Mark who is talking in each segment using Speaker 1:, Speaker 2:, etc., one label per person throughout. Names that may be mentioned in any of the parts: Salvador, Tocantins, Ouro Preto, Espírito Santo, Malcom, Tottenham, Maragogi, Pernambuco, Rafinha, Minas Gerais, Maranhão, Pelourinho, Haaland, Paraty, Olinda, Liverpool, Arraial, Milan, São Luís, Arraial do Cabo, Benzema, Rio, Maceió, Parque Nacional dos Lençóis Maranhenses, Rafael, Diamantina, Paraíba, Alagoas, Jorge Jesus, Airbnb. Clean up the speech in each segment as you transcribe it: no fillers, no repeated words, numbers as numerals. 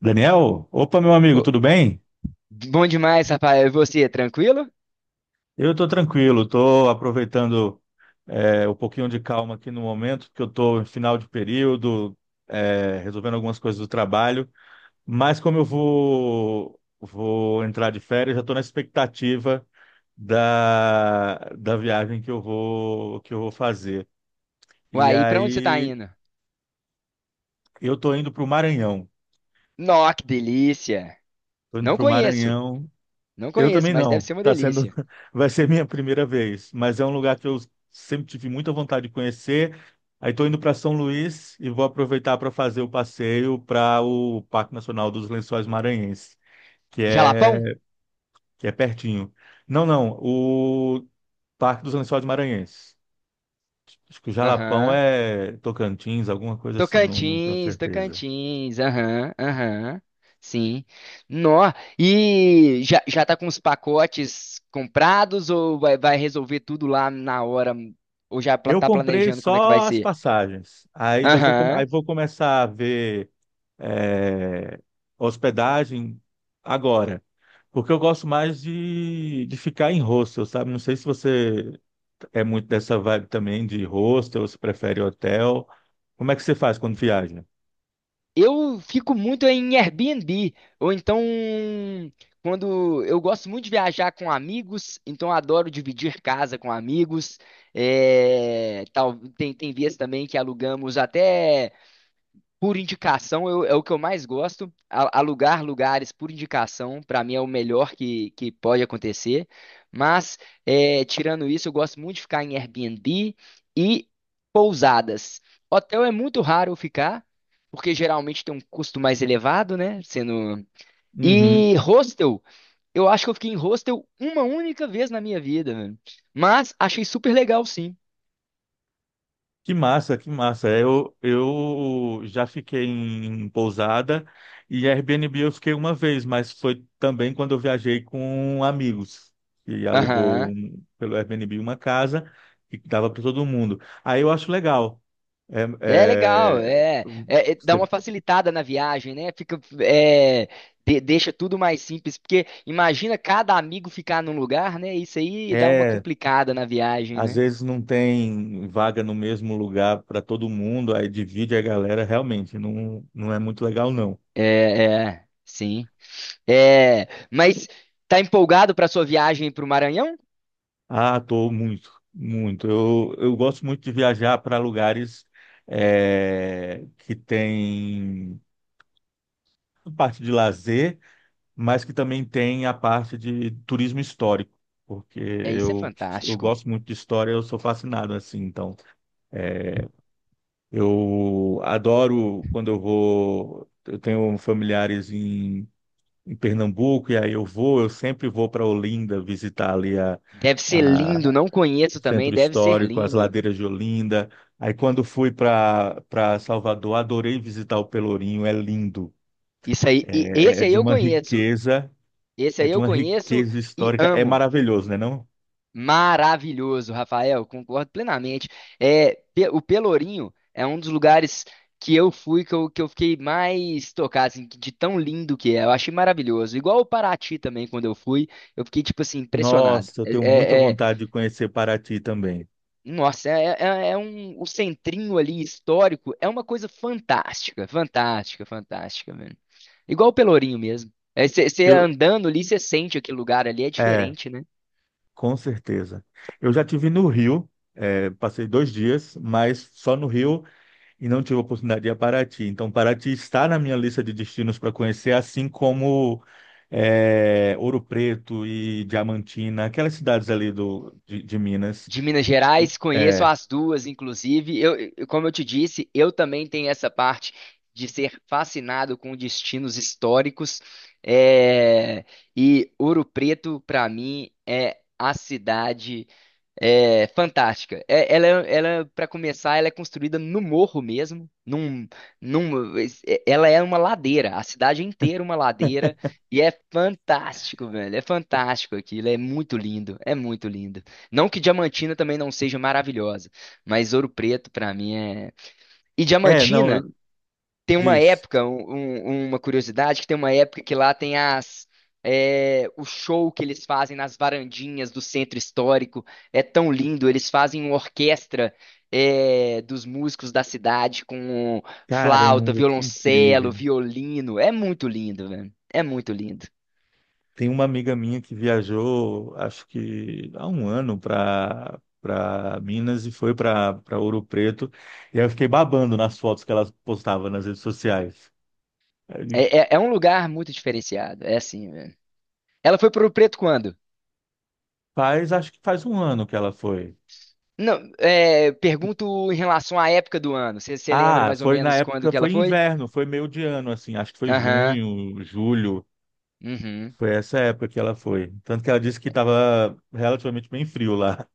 Speaker 1: Daniel, opa, meu amigo,
Speaker 2: Pô,
Speaker 1: tudo bem?
Speaker 2: bom demais, Rafael. E você, tranquilo?
Speaker 1: Eu estou tranquilo, estou aproveitando um pouquinho de calma aqui no momento, porque eu estou em final de período, resolvendo algumas coisas do trabalho, mas como eu vou entrar de férias, já estou na expectativa da viagem que eu vou fazer. E
Speaker 2: Uai, e pra onde você tá
Speaker 1: aí
Speaker 2: indo?
Speaker 1: eu estou indo para o Maranhão,
Speaker 2: Nó, que delícia!
Speaker 1: estou indo
Speaker 2: Não
Speaker 1: para o
Speaker 2: conheço,
Speaker 1: Maranhão
Speaker 2: não
Speaker 1: Eu
Speaker 2: conheço,
Speaker 1: também
Speaker 2: mas deve
Speaker 1: não.
Speaker 2: ser uma
Speaker 1: Tá sendo,
Speaker 2: delícia.
Speaker 1: vai ser minha primeira vez, mas é um lugar que eu sempre tive muita vontade de conhecer. Aí estou indo para São Luís e vou aproveitar para fazer o passeio para o Parque Nacional dos Lençóis Maranhenses, que é
Speaker 2: Jalapão?
Speaker 1: que é pertinho. Não, não, o Parque dos Lençóis Maranhenses. Acho que o Jalapão
Speaker 2: Aham.
Speaker 1: é Tocantins, alguma coisa assim, não, não tenho
Speaker 2: Tocantins,
Speaker 1: certeza.
Speaker 2: Tocantins, aham, aham. Sim. Nó, e já, já tá com os pacotes comprados ou vai, vai resolver tudo lá na hora? Ou
Speaker 1: Eu
Speaker 2: tá
Speaker 1: comprei
Speaker 2: planejando como é que vai
Speaker 1: só as
Speaker 2: ser?
Speaker 1: passagens. Aí
Speaker 2: Aham.
Speaker 1: vou começar a ver é, hospedagem agora. Porque eu gosto mais de ficar em hostel, sabe? Não sei se você é muito dessa vibe também de hostel, se prefere hotel. Como é que você faz quando viaja?
Speaker 2: Eu fico muito em Airbnb, ou então quando eu gosto muito de viajar com amigos, então eu adoro dividir casa com amigos. É, tal, tem vezes também que alugamos até por indicação é o que eu mais gosto. Alugar lugares por indicação, para mim, é o melhor que pode acontecer. Mas, é, tirando isso, eu gosto muito de ficar em Airbnb e pousadas. Hotel é muito raro eu ficar, porque geralmente tem um custo mais elevado, né? Sendo...
Speaker 1: Uhum.
Speaker 2: E hostel, eu acho que eu fiquei em hostel uma única vez na minha vida, mano. Mas achei super legal, sim.
Speaker 1: Que massa, que massa. É, eu já fiquei em pousada e Airbnb eu fiquei uma vez, mas foi também quando eu viajei com amigos e
Speaker 2: Aham.
Speaker 1: pelo Airbnb uma casa e dava para todo mundo. Aí eu acho legal. É,
Speaker 2: É legal,
Speaker 1: é,
Speaker 2: é, dá
Speaker 1: você-
Speaker 2: uma facilitada na viagem, né? Fica, é, deixa tudo mais simples, porque imagina cada amigo ficar num lugar, né? Isso aí dá uma
Speaker 1: é,
Speaker 2: complicada na viagem,
Speaker 1: às
Speaker 2: né?
Speaker 1: vezes não tem vaga no mesmo lugar para todo mundo, aí divide a galera, realmente não, não é muito legal, não.
Speaker 2: É, é, sim. É, mas tá empolgado para sua viagem para o Maranhão?
Speaker 1: Ah, tô muito, muito. Eu gosto muito de viajar para lugares que tem a parte de lazer, mas que também tem a parte de turismo histórico, porque
Speaker 2: É, isso é
Speaker 1: eu, eu
Speaker 2: fantástico.
Speaker 1: gosto muito de história, eu sou fascinado assim. Então, eu adoro quando eu vou. Eu tenho familiares em Pernambuco, e aí eu vou, eu sempre vou para Olinda visitar ali a
Speaker 2: Deve ser lindo,
Speaker 1: a
Speaker 2: não conheço também,
Speaker 1: centro
Speaker 2: deve ser
Speaker 1: histórico, as
Speaker 2: lindo.
Speaker 1: ladeiras de Olinda. Aí quando fui para Salvador, adorei visitar o Pelourinho, é lindo.
Speaker 2: Isso aí,
Speaker 1: É,
Speaker 2: e
Speaker 1: é
Speaker 2: esse
Speaker 1: é
Speaker 2: aí
Speaker 1: de
Speaker 2: eu
Speaker 1: uma
Speaker 2: conheço,
Speaker 1: riqueza,
Speaker 2: esse
Speaker 1: é
Speaker 2: aí
Speaker 1: de
Speaker 2: eu
Speaker 1: uma
Speaker 2: conheço
Speaker 1: riqueza
Speaker 2: e
Speaker 1: histórica, é
Speaker 2: amo.
Speaker 1: maravilhoso, né, não?
Speaker 2: Maravilhoso, Rafael, concordo plenamente. É, o Pelourinho é um dos lugares que eu fui que eu fiquei mais tocado, assim, de tão lindo que é. Eu achei maravilhoso. Igual o Paraty também, quando eu fui, eu fiquei, tipo assim, impressionado.
Speaker 1: Nossa, eu
Speaker 2: É,
Speaker 1: tenho muita
Speaker 2: é- é-
Speaker 1: vontade de conhecer Paraty também.
Speaker 2: nossa, é, é um, o centrinho ali histórico é uma coisa fantástica, fantástica, fantástica, velho. Igual o Pelourinho mesmo. Você
Speaker 1: Eu,
Speaker 2: andando ali, você sente aquele lugar ali, é
Speaker 1: é,
Speaker 2: diferente, né?
Speaker 1: com certeza. Eu já tive no Rio, é, passei dois dias, mas só no Rio e não tive oportunidade de ir a Paraty. Então, Paraty está na minha lista de destinos para conhecer, assim como Ouro Preto e Diamantina, aquelas cidades ali de Minas.
Speaker 2: De Minas Gerais, conheço
Speaker 1: É,
Speaker 2: as duas, inclusive. Eu, como eu te disse, eu também tenho essa parte de ser fascinado com destinos históricos. É, e Ouro Preto, para mim, é a cidade. É fantástica. Ela, é, ela para começar, ela é construída no morro mesmo, num, ela é uma ladeira, a cidade inteira uma ladeira e é fantástico, velho. É fantástico aquilo, é muito lindo, é muito lindo. Não que Diamantina também não seja maravilhosa, mas Ouro Preto pra mim é. E
Speaker 1: é, não,
Speaker 2: Diamantina
Speaker 1: eu-
Speaker 2: tem uma
Speaker 1: Diz.
Speaker 2: época, uma curiosidade, que tem uma época que lá tem as é, o show que eles fazem nas varandinhas do centro histórico. É tão lindo, eles fazem uma orquestra é, dos músicos da cidade com flauta,
Speaker 1: Caramba, que
Speaker 2: violoncelo,
Speaker 1: incrível.
Speaker 2: violino. É muito lindo, velho. É muito lindo.
Speaker 1: Tem uma amiga minha que viajou, acho que há um ano, para Minas e foi para Ouro Preto. E aí eu fiquei babando nas fotos que ela postava nas redes sociais. Ele
Speaker 2: É, é um lugar muito diferenciado. É assim, velho. Ela foi pro Preto quando?
Speaker 1: Faz, acho que faz um ano que ela foi.
Speaker 2: Não, é, pergunto em relação à época do ano. Você lembra
Speaker 1: Ah,
Speaker 2: mais ou
Speaker 1: foi na
Speaker 2: menos quando
Speaker 1: época,
Speaker 2: que ela
Speaker 1: foi
Speaker 2: foi?
Speaker 1: inverno, foi meio de ano, assim, acho que foi
Speaker 2: Aham.
Speaker 1: junho, julho,
Speaker 2: Uhum.
Speaker 1: foi essa época que ela foi. Tanto que ela disse que estava relativamente bem frio lá.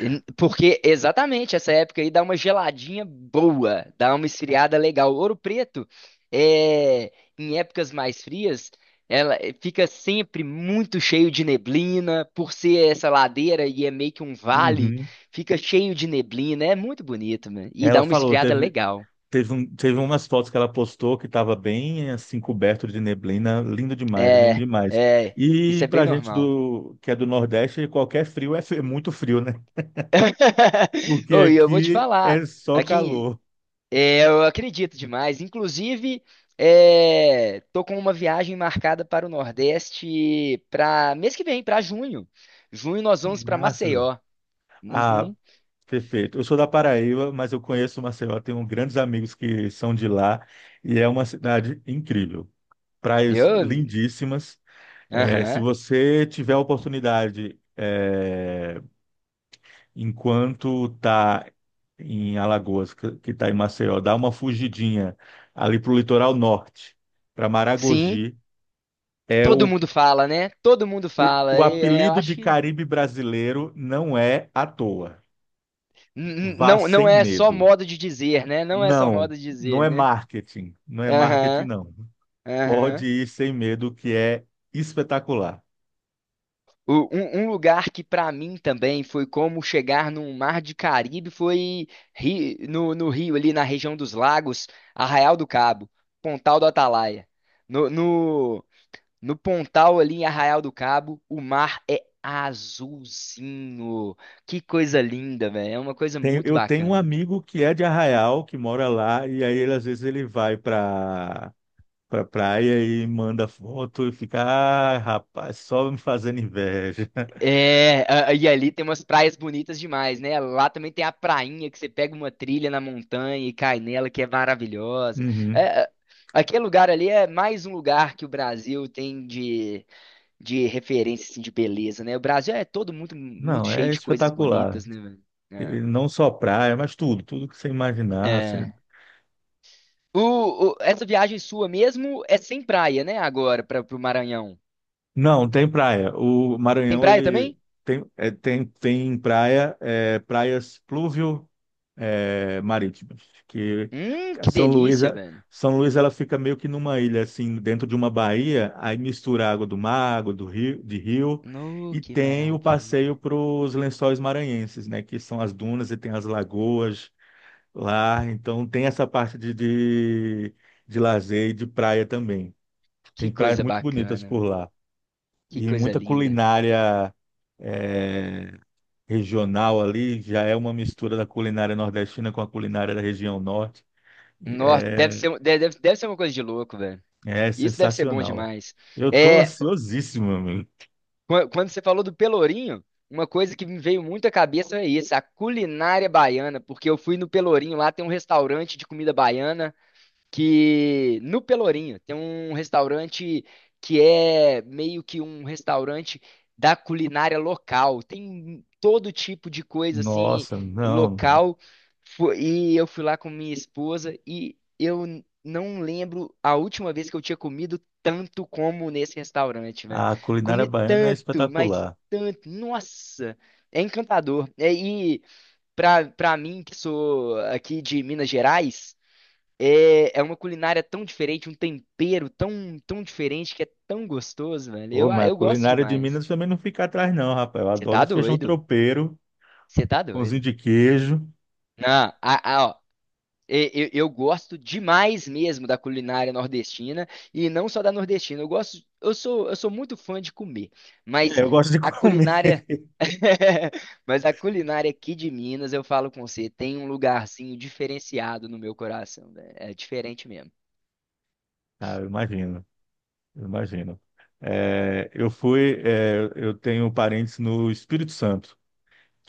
Speaker 2: Porque exatamente essa época aí dá uma geladinha boa, dá uma esfriada legal. Ouro Preto, é, em épocas mais frias, ela fica sempre muito cheio de neblina, por ser essa ladeira e é meio que um vale,
Speaker 1: Uhum.
Speaker 2: fica cheio de neblina, é muito bonito, mano. E
Speaker 1: Ela
Speaker 2: dá uma
Speaker 1: falou,
Speaker 2: esfriada legal.
Speaker 1: teve umas fotos que ela postou que estava bem, assim, coberto de neblina, lindo demais, lindo
Speaker 2: É,
Speaker 1: demais.
Speaker 2: é, isso
Speaker 1: E
Speaker 2: é bem
Speaker 1: pra gente
Speaker 2: normal.
Speaker 1: do, que é do Nordeste, qualquer frio é muito frio, né? Porque
Speaker 2: Ô, e eu vou te
Speaker 1: aqui
Speaker 2: falar,
Speaker 1: é só
Speaker 2: aqui
Speaker 1: calor.
Speaker 2: é, eu acredito demais. Inclusive, é, tô com uma viagem marcada para o Nordeste para mês que vem, para junho. Junho nós
Speaker 1: Que
Speaker 2: vamos para
Speaker 1: massa!
Speaker 2: Maceió.
Speaker 1: Ah,
Speaker 2: Uhum.
Speaker 1: perfeito. Eu sou da Paraíba, mas eu conheço Maceió, tenho grandes amigos que são de lá e é uma cidade incrível. Praias
Speaker 2: Eu,
Speaker 1: lindíssimas. Se
Speaker 2: aham.
Speaker 1: você tiver a oportunidade, enquanto está em Alagoas, que está em Maceió, dá uma fugidinha ali para o litoral norte, para
Speaker 2: Sim,
Speaker 1: Maragogi. É
Speaker 2: todo
Speaker 1: o,
Speaker 2: mundo fala, né? Todo mundo
Speaker 1: o
Speaker 2: fala. E, é, eu
Speaker 1: apelido de
Speaker 2: acho que
Speaker 1: Caribe brasileiro não é à toa. Vá
Speaker 2: não
Speaker 1: sem
Speaker 2: não é só
Speaker 1: medo.
Speaker 2: modo de dizer, né? Não é só
Speaker 1: Não,
Speaker 2: modo de
Speaker 1: não
Speaker 2: dizer,
Speaker 1: é
Speaker 2: né?
Speaker 1: marketing. Não é marketing,
Speaker 2: Aham,
Speaker 1: não.
Speaker 2: aham.
Speaker 1: Pode ir sem medo, que é espetacular.
Speaker 2: Um, um lugar que pra mim também foi como chegar num mar de Caribe foi no, no Rio, ali na região dos Lagos, Arraial do Cabo, Pontal do Atalaia. No, no, no Pontal ali em Arraial do Cabo, o mar é azulzinho. Que coisa linda, velho. É uma coisa muito
Speaker 1: Eu tenho um
Speaker 2: bacana.
Speaker 1: amigo que é de Arraial, que mora lá, e aí ele, às vezes ele vai para pra pra praia e manda foto e fica, ah, rapaz, só me fazendo inveja.
Speaker 2: É, e ali tem umas praias bonitas demais, né? Lá também tem a prainha que você pega uma trilha na montanha e cai nela, que é maravilhosa.
Speaker 1: Uhum.
Speaker 2: É, é, aquele lugar ali é mais um lugar que o Brasil tem de referência, assim, de beleza, né? O Brasil é todo muito, muito
Speaker 1: Não,
Speaker 2: cheio
Speaker 1: é
Speaker 2: de coisas
Speaker 1: espetacular.
Speaker 2: bonitas, né, velho? É.
Speaker 1: E não só praia, mas tudo, tudo que você imaginar.
Speaker 2: É. O, essa viagem sua mesmo é sem praia, né? Agora, para pro Maranhão.
Speaker 1: Não, tem praia. O
Speaker 2: Tem
Speaker 1: Maranhão,
Speaker 2: praia
Speaker 1: ele
Speaker 2: também?
Speaker 1: tem, é, tem praia, é, praias pluvio, é, marítimas, que a
Speaker 2: Que
Speaker 1: São Luís,
Speaker 2: delícia,
Speaker 1: é,
Speaker 2: velho.
Speaker 1: São Luís ela fica meio que numa ilha assim, dentro de uma baía, aí mistura a água do mar, água do rio,
Speaker 2: No,
Speaker 1: e
Speaker 2: que
Speaker 1: tem o
Speaker 2: maravilha.
Speaker 1: passeio para os Lençóis Maranhenses, né, que são as dunas e tem as lagoas lá, então tem essa parte de lazer e de praia também.
Speaker 2: Que
Speaker 1: Tem praias
Speaker 2: coisa
Speaker 1: muito bonitas
Speaker 2: bacana,
Speaker 1: por
Speaker 2: velho.
Speaker 1: lá
Speaker 2: Que
Speaker 1: e
Speaker 2: coisa
Speaker 1: muita
Speaker 2: linda.
Speaker 1: culinária é, regional ali, já é uma mistura da culinária nordestina com a culinária da região norte.
Speaker 2: Nossa, deve
Speaker 1: É,
Speaker 2: ser, deve, deve ser uma coisa de louco, velho.
Speaker 1: é
Speaker 2: Isso deve ser bom
Speaker 1: sensacional.
Speaker 2: demais.
Speaker 1: Eu tô
Speaker 2: É,
Speaker 1: ansiosíssimo, amigo.
Speaker 2: quando você falou do Pelourinho, uma coisa que me veio muito à cabeça é isso, a culinária baiana, porque eu fui no Pelourinho, lá tem um restaurante de comida baiana. Que no Pelourinho tem um restaurante que é meio que um restaurante da culinária local. Tem todo tipo de coisa assim
Speaker 1: Nossa, não.
Speaker 2: local. E eu fui lá com minha esposa e eu não lembro a última vez que eu tinha comido tanto como nesse restaurante, velho.
Speaker 1: A culinária
Speaker 2: Comi
Speaker 1: baiana é
Speaker 2: tanto, mas
Speaker 1: espetacular.
Speaker 2: tanto. Nossa, é encantador. É, e para para mim que sou aqui de Minas Gerais, é, é uma culinária tão diferente, um tempero tão, tão diferente que é tão gostoso, velho.
Speaker 1: Ô,
Speaker 2: Eu, ah,
Speaker 1: mas a
Speaker 2: eu gosto
Speaker 1: culinária de
Speaker 2: demais.
Speaker 1: Minas também não fica atrás, não, rapaz. Eu
Speaker 2: Você
Speaker 1: adoro
Speaker 2: tá
Speaker 1: um feijão
Speaker 2: doido?
Speaker 1: tropeiro,
Speaker 2: Você tá
Speaker 1: pãozinho
Speaker 2: doido?
Speaker 1: de queijo.
Speaker 2: Não, a- ó, eu gosto demais mesmo da culinária nordestina e não só da nordestina. Eu gosto, eu sou muito fã de comer,
Speaker 1: É,
Speaker 2: mas
Speaker 1: eu gosto de
Speaker 2: a
Speaker 1: comer.
Speaker 2: culinária, mas a culinária aqui de Minas, eu falo com você, tem um lugarzinho diferenciado no meu coração, velho. É diferente mesmo.
Speaker 1: Ah, eu imagino, eu imagino. Eu fui, é, eu tenho parentes no Espírito Santo.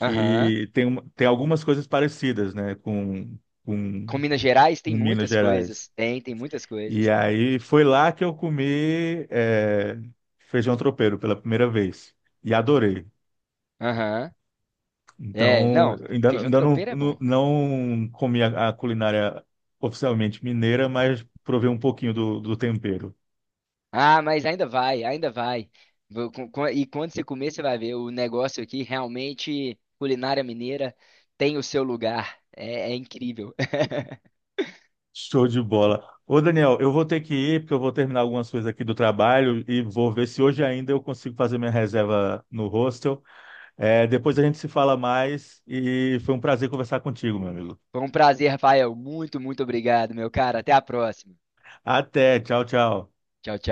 Speaker 2: Aham.
Speaker 1: tem, uma- Tem algumas coisas parecidas, né, com,
Speaker 2: Com Minas Gerais tem
Speaker 1: com Minas
Speaker 2: muitas coisas.
Speaker 1: Gerais.
Speaker 2: Tem, tem muitas
Speaker 1: E
Speaker 2: coisas, tem.
Speaker 1: aí foi lá que eu comi feijão tropeiro pela primeira vez e adorei.
Speaker 2: Aham. É,
Speaker 1: Então,
Speaker 2: não, feijão
Speaker 1: ainda
Speaker 2: tropeiro é bom.
Speaker 1: não comi a culinária oficialmente mineira, mas provei um pouquinho do tempero.
Speaker 2: Ah, mas ainda vai, ainda vai. E quando você comer, você vai ver. O negócio aqui, realmente, culinária mineira tem o seu lugar. É, é incrível.
Speaker 1: Show de bola. Ô, Daniel, eu vou ter que ir, porque eu vou terminar algumas coisas aqui do trabalho e vou ver se hoje ainda eu consigo fazer minha reserva no hostel. É, depois a gente se fala mais e foi um prazer conversar contigo, meu amigo.
Speaker 2: Foi um prazer, Rafael. Muito, muito obrigado, meu cara. Até a próxima.
Speaker 1: Até, tchau, tchau.
Speaker 2: Tchau, tchau.